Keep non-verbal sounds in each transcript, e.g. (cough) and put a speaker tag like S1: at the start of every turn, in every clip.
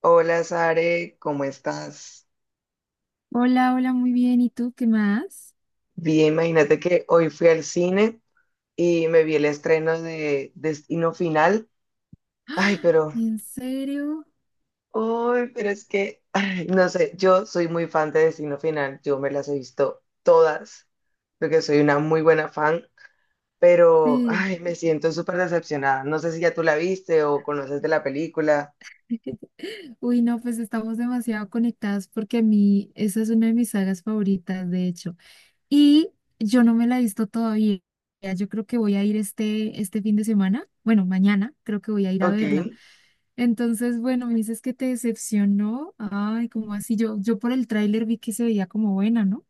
S1: Hola Sare, ¿cómo estás?
S2: Hola, hola, muy bien. ¿Y tú qué más?
S1: Bien, imagínate que hoy fui al cine y me vi el estreno de Destino Final. Ay,
S2: ¡Ah!
S1: pero,
S2: ¿En serio?
S1: ay, pero es que, ay, no sé, yo soy muy fan de Destino Final, yo me las he visto todas, porque soy una muy buena fan, pero,
S2: Sí.
S1: ay, me siento súper decepcionada. No sé si ya tú la viste o conoces de la película.
S2: (laughs) Uy, no, pues estamos demasiado conectadas porque a mí esa es una de mis sagas favoritas, de hecho. Y yo no me la he visto todavía. Yo creo que voy a ir este fin de semana. Bueno, mañana creo que voy a ir a
S1: Ok.
S2: verla. Entonces, bueno, me dices que te decepcionó. Ay, ¿como así? Yo por el tráiler vi que se veía como buena, ¿no?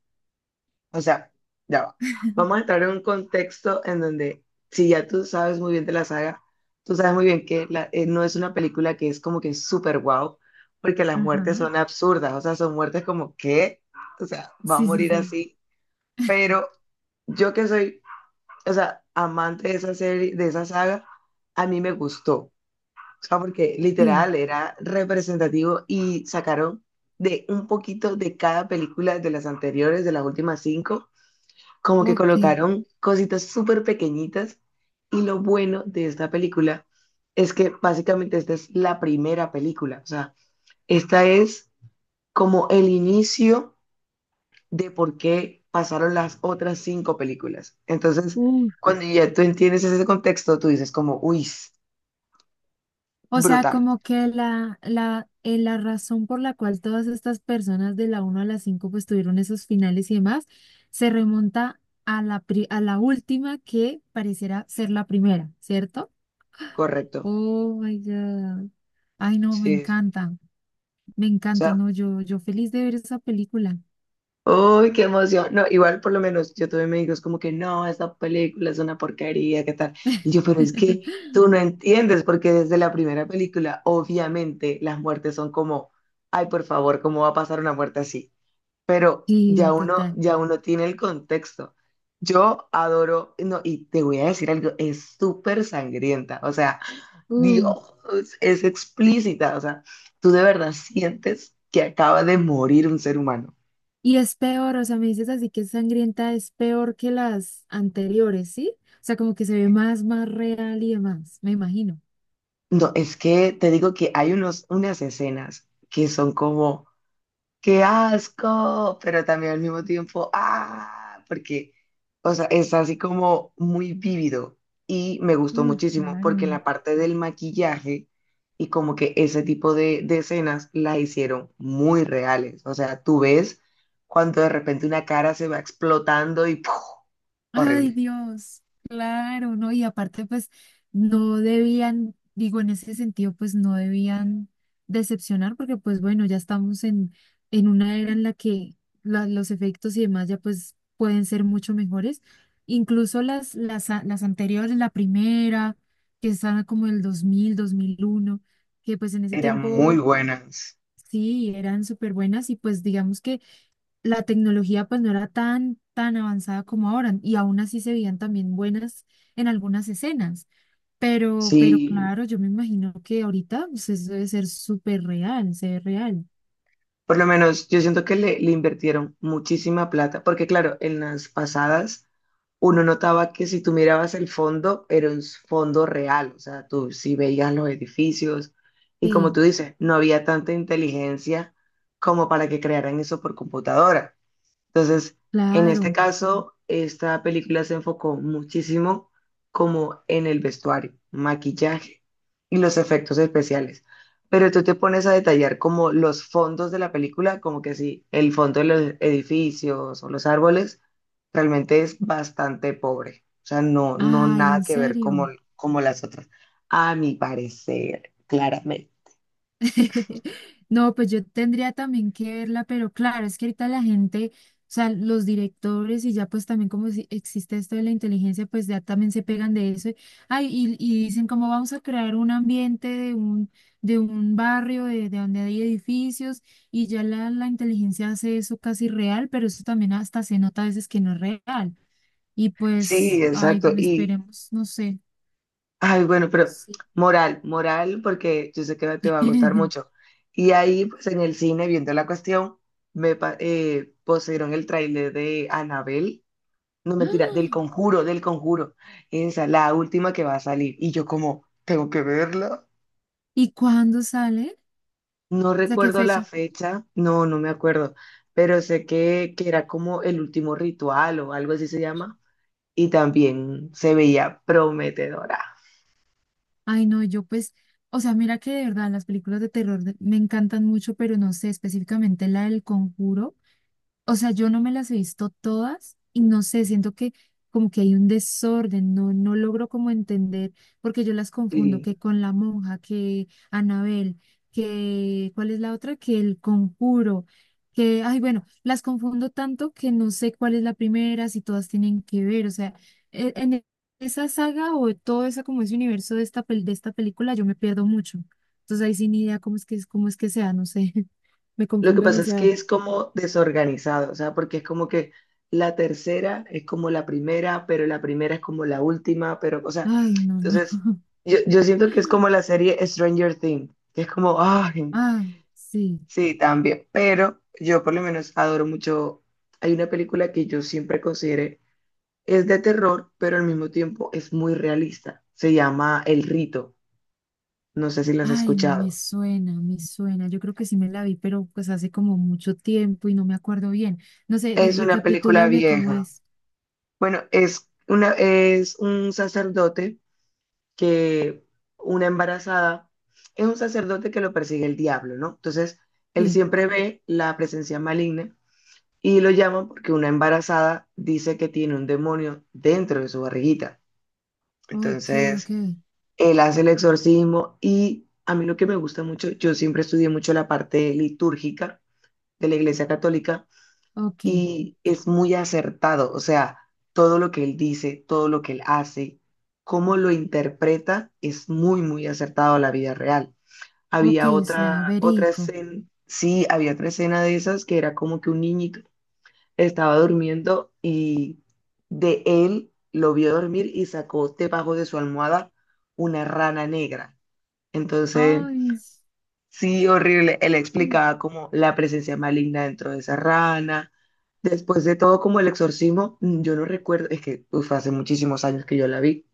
S1: O sea, ya va. Vamos a entrar en un contexto en donde, si ya tú sabes muy bien de la saga, tú sabes muy bien que no es una película que es como que súper guau, porque las muertes
S2: Ajá.
S1: son absurdas, o sea, son muertes como que, o sea, va a
S2: Sí, sí,
S1: morir
S2: sí.
S1: así, pero yo que soy, o sea, amante de esa serie, de esa saga, a mí me gustó, o sea, porque
S2: Sí.
S1: literal era representativo y sacaron de un poquito de cada película de las anteriores, de las últimas cinco, como que
S2: Ok.
S1: colocaron cositas súper pequeñitas. Y lo bueno de esta película es que básicamente esta es la primera película, o sea, esta es como el inicio de por qué pasaron las otras cinco películas. Entonces, cuando ya tú entiendes ese contexto, tú dices como, uy,
S2: O sea,
S1: brutal,
S2: como que la razón por la cual todas estas personas de la 1 a la 5 pues tuvieron esos finales y demás, se remonta a la última que pareciera ser la primera, ¿cierto?
S1: correcto.
S2: Oh my God. Ay, no,
S1: Sí, sí.
S2: me
S1: O
S2: encanta,
S1: sea,
S2: no, yo feliz de ver esa película.
S1: uy, qué emoción. No, igual por lo menos yo tuve amigos como que no, esta película es una porquería, ¿qué tal? Y yo, pero es que
S2: (laughs)
S1: tú no entiendes, porque desde la primera película, obviamente, las muertes son como, ay, por favor, ¿cómo va a pasar una muerte así? Pero ya
S2: Sí,
S1: uno,
S2: total.
S1: ya uno tiene el contexto. Yo adoro, no, y te voy a decir algo, es súper sangrienta, o sea,
S2: Uh.
S1: Dios, es explícita, o sea, tú de verdad sientes que acaba de morir un ser humano.
S2: Y es peor, o sea, me dices así que es sangrienta, es peor que las anteriores, ¿sí? O sea, como que se ve más, más real y demás, me imagino.
S1: No, es que te digo que hay unos, unas escenas que son como, ¡qué asco! Pero también al mismo tiempo, ¡ah! Porque, o sea, es así como muy vívido y me gustó
S2: Uh,
S1: muchísimo porque
S2: claro.
S1: la parte del maquillaje y como que ese tipo de escenas la hicieron muy reales. O sea, tú ves cuando de repente una cara se va explotando y ¡puf!
S2: Ay,
S1: Horrible.
S2: Dios, claro, ¿no? Y aparte, pues, no debían, digo, en ese sentido, pues, no debían decepcionar, porque, pues, bueno, ya estamos en una era en la que los efectos y demás ya, pues, pueden ser mucho mejores. Incluso las anteriores, la primera, que estaba como el 2001, que, pues, en ese
S1: Eran muy
S2: tiempo,
S1: buenas.
S2: sí, eran súper buenas y, pues, digamos que la tecnología pues no era tan, tan avanzada como ahora y aún así se veían también buenas en algunas escenas. Pero
S1: Sí.
S2: claro, yo me imagino que ahorita pues, eso debe ser súper real, se ve real.
S1: Por lo menos yo siento que le invirtieron muchísima plata, porque claro, en las pasadas uno notaba que si tú mirabas el fondo, era un fondo real, o sea, tú sí veías los edificios, y como
S2: Sí,
S1: tú dices, no había tanta inteligencia como para que crearan eso por computadora. Entonces, en este
S2: claro.
S1: caso, esta película se enfocó muchísimo como en el vestuario, maquillaje y los efectos especiales. Pero tú te pones a detallar como los fondos de la película, como que sí, el fondo de los edificios o los árboles realmente es bastante pobre. O sea, no, no
S2: Ay,
S1: nada
S2: en
S1: que ver como,
S2: serio.
S1: como las otras, a mi parecer, claramente.
S2: (laughs) No, pues yo tendría también que verla, pero claro, es que ahorita la gente, o sea, los directores y ya pues también como si existe esto de la inteligencia, pues ya también se pegan de eso. Ay, y dicen cómo vamos a crear un ambiente de un barrio, de donde hay edificios, y ya la inteligencia hace eso casi real, pero eso también hasta se nota a veces que no es real. Y
S1: Sí,
S2: pues, ay,
S1: exacto. Y,
S2: esperemos, no sé.
S1: ay, bueno, pero
S2: Sí.
S1: moral, moral, porque yo sé que te va a gustar
S2: (laughs)
S1: mucho. Y ahí, pues en el cine, viendo la cuestión, pusieron el tráiler de Anabel, no mentira, del Conjuro, del Conjuro. Esa, la última que va a salir. Y yo como, tengo que verla.
S2: ¿Y cuándo sale?
S1: No
S2: ¿O sea, qué
S1: recuerdo la
S2: fecha?
S1: fecha, no, no me acuerdo, pero sé que era como el último ritual o algo así se llama. Y también se veía prometedora.
S2: Ay, no, yo pues, o sea, mira que de verdad las películas de terror me encantan mucho, pero no sé, específicamente la del Conjuro. O sea, yo no me las he visto todas y no sé, siento que como que hay un desorden, no, no logro como entender, porque yo las confundo,
S1: Sí.
S2: que con la monja, que Anabel, que ¿cuál es la otra? Que el conjuro, que, ay, bueno, las confundo tanto que no sé cuál es la primera, si todas tienen que ver, o sea, e- en e- esa saga o todo ese como ese universo de esta película yo me pierdo mucho. Entonces ahí sin idea cómo es que sea, no sé, (laughs) me
S1: Lo que
S2: confundo
S1: pasa es que
S2: demasiado.
S1: es como desorganizado, o sea, porque es como que la tercera es como la primera, pero la primera es como la última, pero, o sea,
S2: Ay, no, no.
S1: entonces yo siento que es como la serie Stranger Things, que es como, ay,
S2: Ah, sí.
S1: sí, también, pero yo por lo menos adoro mucho, hay una película que yo siempre consideré, es de terror, pero al mismo tiempo es muy realista, se llama El Rito, no sé si la has
S2: Ay, me
S1: escuchado,
S2: suena, me suena. Yo creo que sí me la vi, pero pues hace como mucho tiempo y no me acuerdo bien. No sé,
S1: es una película
S2: recapitúlame cómo
S1: vieja.
S2: es.
S1: Bueno, que una embarazada, es un sacerdote que lo persigue el diablo, ¿no? Entonces, él
S2: Sí.
S1: siempre ve la presencia maligna y lo llama porque una embarazada dice que tiene un demonio dentro de su barriguita.
S2: Ok, ok,
S1: Entonces, él hace el exorcismo y a mí lo que me gusta mucho, yo siempre estudié mucho la parte litúrgica de la Iglesia Católica,
S2: ok,
S1: y es muy acertado, o sea, todo lo que él dice, todo lo que él hace, cómo lo interpreta, es muy, muy acertado a la vida real.
S2: ok,
S1: Había
S2: o sea,
S1: otra
S2: verico.
S1: escena, sí, había otra escena de esas que era como que un niñito estaba durmiendo, y de él lo vio dormir y sacó debajo de su almohada una rana negra. Entonces,
S2: Ay, sí.
S1: sí, horrible. Él explicaba como la presencia maligna dentro de esa rana. Después de todo, como el exorcismo, yo no recuerdo, es que uf, hace muchísimos años que yo la vi,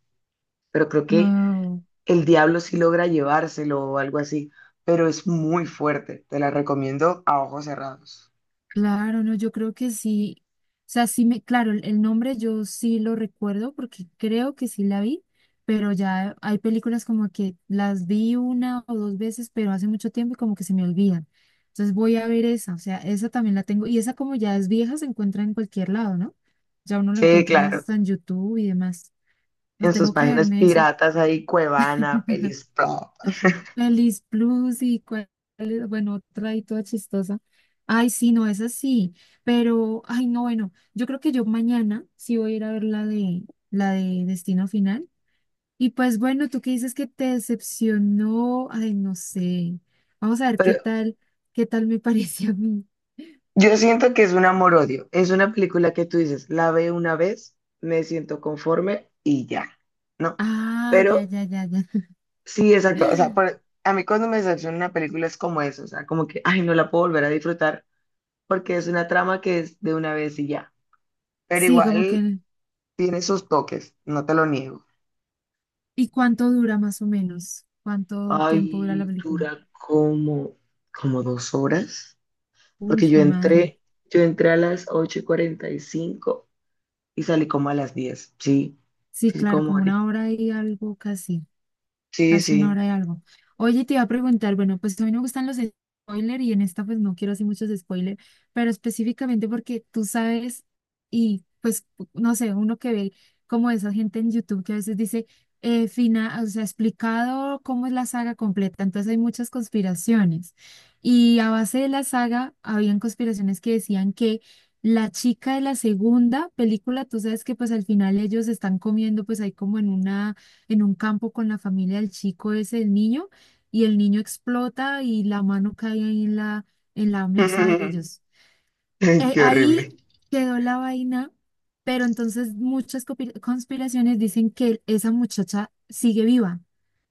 S1: pero creo que
S2: No.
S1: el diablo sí logra llevárselo o algo así, pero es muy fuerte. Te la recomiendo a ojos cerrados.
S2: Claro, no, yo creo que sí. O sea, sí me, claro, el nombre yo sí lo recuerdo porque creo que sí la vi, pero ya hay películas como que las vi una o dos veces, pero hace mucho tiempo y como que se me olvidan. Entonces voy a ver esa, o sea, esa también la tengo. Y esa como ya es vieja, se encuentra en cualquier lado, ¿no? Ya uno lo
S1: Sí,
S2: encuentra
S1: claro,
S2: hasta en YouTube y demás. No
S1: en sus
S2: tengo que
S1: páginas
S2: verme esa.
S1: piratas hay Cuevana,
S2: (laughs)
S1: Pelis, todo.
S2: Alice Plus y cuál, bueno, otra ahí toda chistosa. Ay, sí, no, es así, pero, ay, no, bueno, yo creo que yo mañana sí voy a ir a ver la de Destino Final. Y pues bueno, tú que dices que te decepcionó, ay, no sé. Vamos a ver
S1: Pero
S2: qué tal me (laughs) parece a mí.
S1: yo siento que es un amor-odio. Es una película que tú dices, la veo una vez, me siento conforme y ya, ¿no?
S2: Ah, ya,
S1: Pero
S2: ya, ya, ya.
S1: sí, exacto. O sea,
S2: (laughs)
S1: a mí cuando me decepciona una película es como eso, o sea, como que, ay, no la puedo volver a disfrutar porque es una trama que es de una vez y ya. Pero
S2: Sí, como
S1: igual
S2: que,
S1: tiene sus toques, no te lo niego.
S2: ¿y cuánto dura más o menos? ¿Cuánto tiempo dura la
S1: Ay,
S2: película?
S1: dura como, como 2 horas,
S2: Uy,
S1: porque
S2: fue madre.
S1: yo entré a las 8:45, y salí como a las 10. Sí,
S2: Sí,
S1: sí, sí,
S2: claro, como una hora y algo casi.
S1: sí,
S2: Casi una
S1: sí.
S2: hora de algo. Oye, te iba a preguntar, bueno, pues a mí no me gustan los spoilers y en esta pues no quiero hacer muchos spoilers, pero específicamente porque tú sabes y pues no sé, uno que ve como esa gente en YouTube que a veces dice, fina, o sea, explicado cómo es la saga completa, entonces hay muchas conspiraciones. Y a base de la saga, habían conspiraciones que decían que la chica de la segunda película, tú sabes que pues al final ellos están comiendo pues ahí como en una en un campo con la familia del chico, es el niño, y el niño explota y la mano cae ahí en la mesa de
S1: (laughs)
S2: ellos.
S1: Ay, qué horrible.
S2: Ahí quedó la vaina, pero entonces muchas conspiraciones dicen que esa muchacha sigue viva.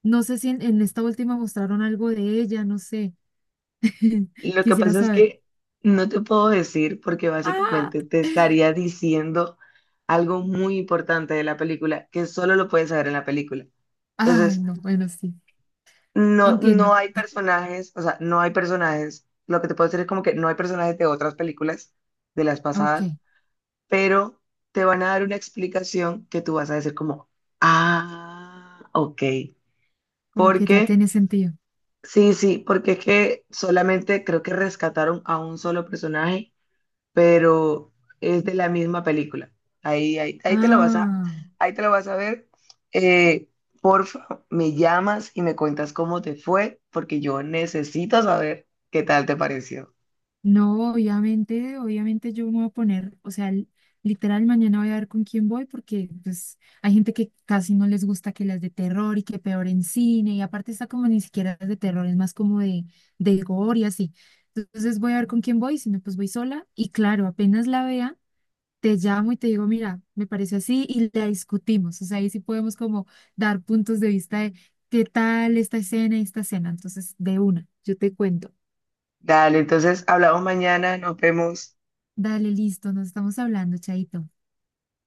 S2: No sé si en esta última mostraron algo de ella, no sé. (laughs)
S1: Lo que
S2: Quisiera
S1: pasa es
S2: saber.
S1: que no te puedo decir porque
S2: Ah,
S1: básicamente te
S2: (laughs)
S1: estaría diciendo algo muy importante de la película que solo lo puedes saber en la película.
S2: ay,
S1: Entonces,
S2: no, bueno, sí,
S1: no, no
S2: entiendo.
S1: hay personajes, o sea, no hay personajes. Lo que te puedo decir es como que no hay personajes de otras películas de las
S2: Ok,
S1: pasadas, pero te van a dar una explicación que tú vas a decir como, ah, ok.
S2: como que
S1: Porque,
S2: ya tiene sentido.
S1: sí, sí, porque es que solamente creo que rescataron a un solo personaje, pero es de la misma película. Ahí, ahí, ahí te lo vas a,
S2: Ah.
S1: ahí te lo vas a ver. Eh, Porfa, me llamas y me cuentas cómo te fue, porque yo necesito saber qué tal te pareció.
S2: No, obviamente, obviamente yo me voy a poner, o sea, literal mañana voy a ver con quién voy porque pues hay gente que casi no les gusta que las de terror y que peor en cine y aparte está como ni siquiera es de terror, es más como de gore y así. Entonces voy a ver con quién voy, si no pues voy sola y claro, apenas la vea, te llamo y te digo, mira, me parece así y la discutimos, o sea, ahí sí podemos como dar puntos de vista de qué tal esta escena y esta escena, entonces de una, yo te cuento.
S1: Dale, entonces hablamos mañana, nos vemos.
S2: Dale, listo, nos estamos hablando, Chaito.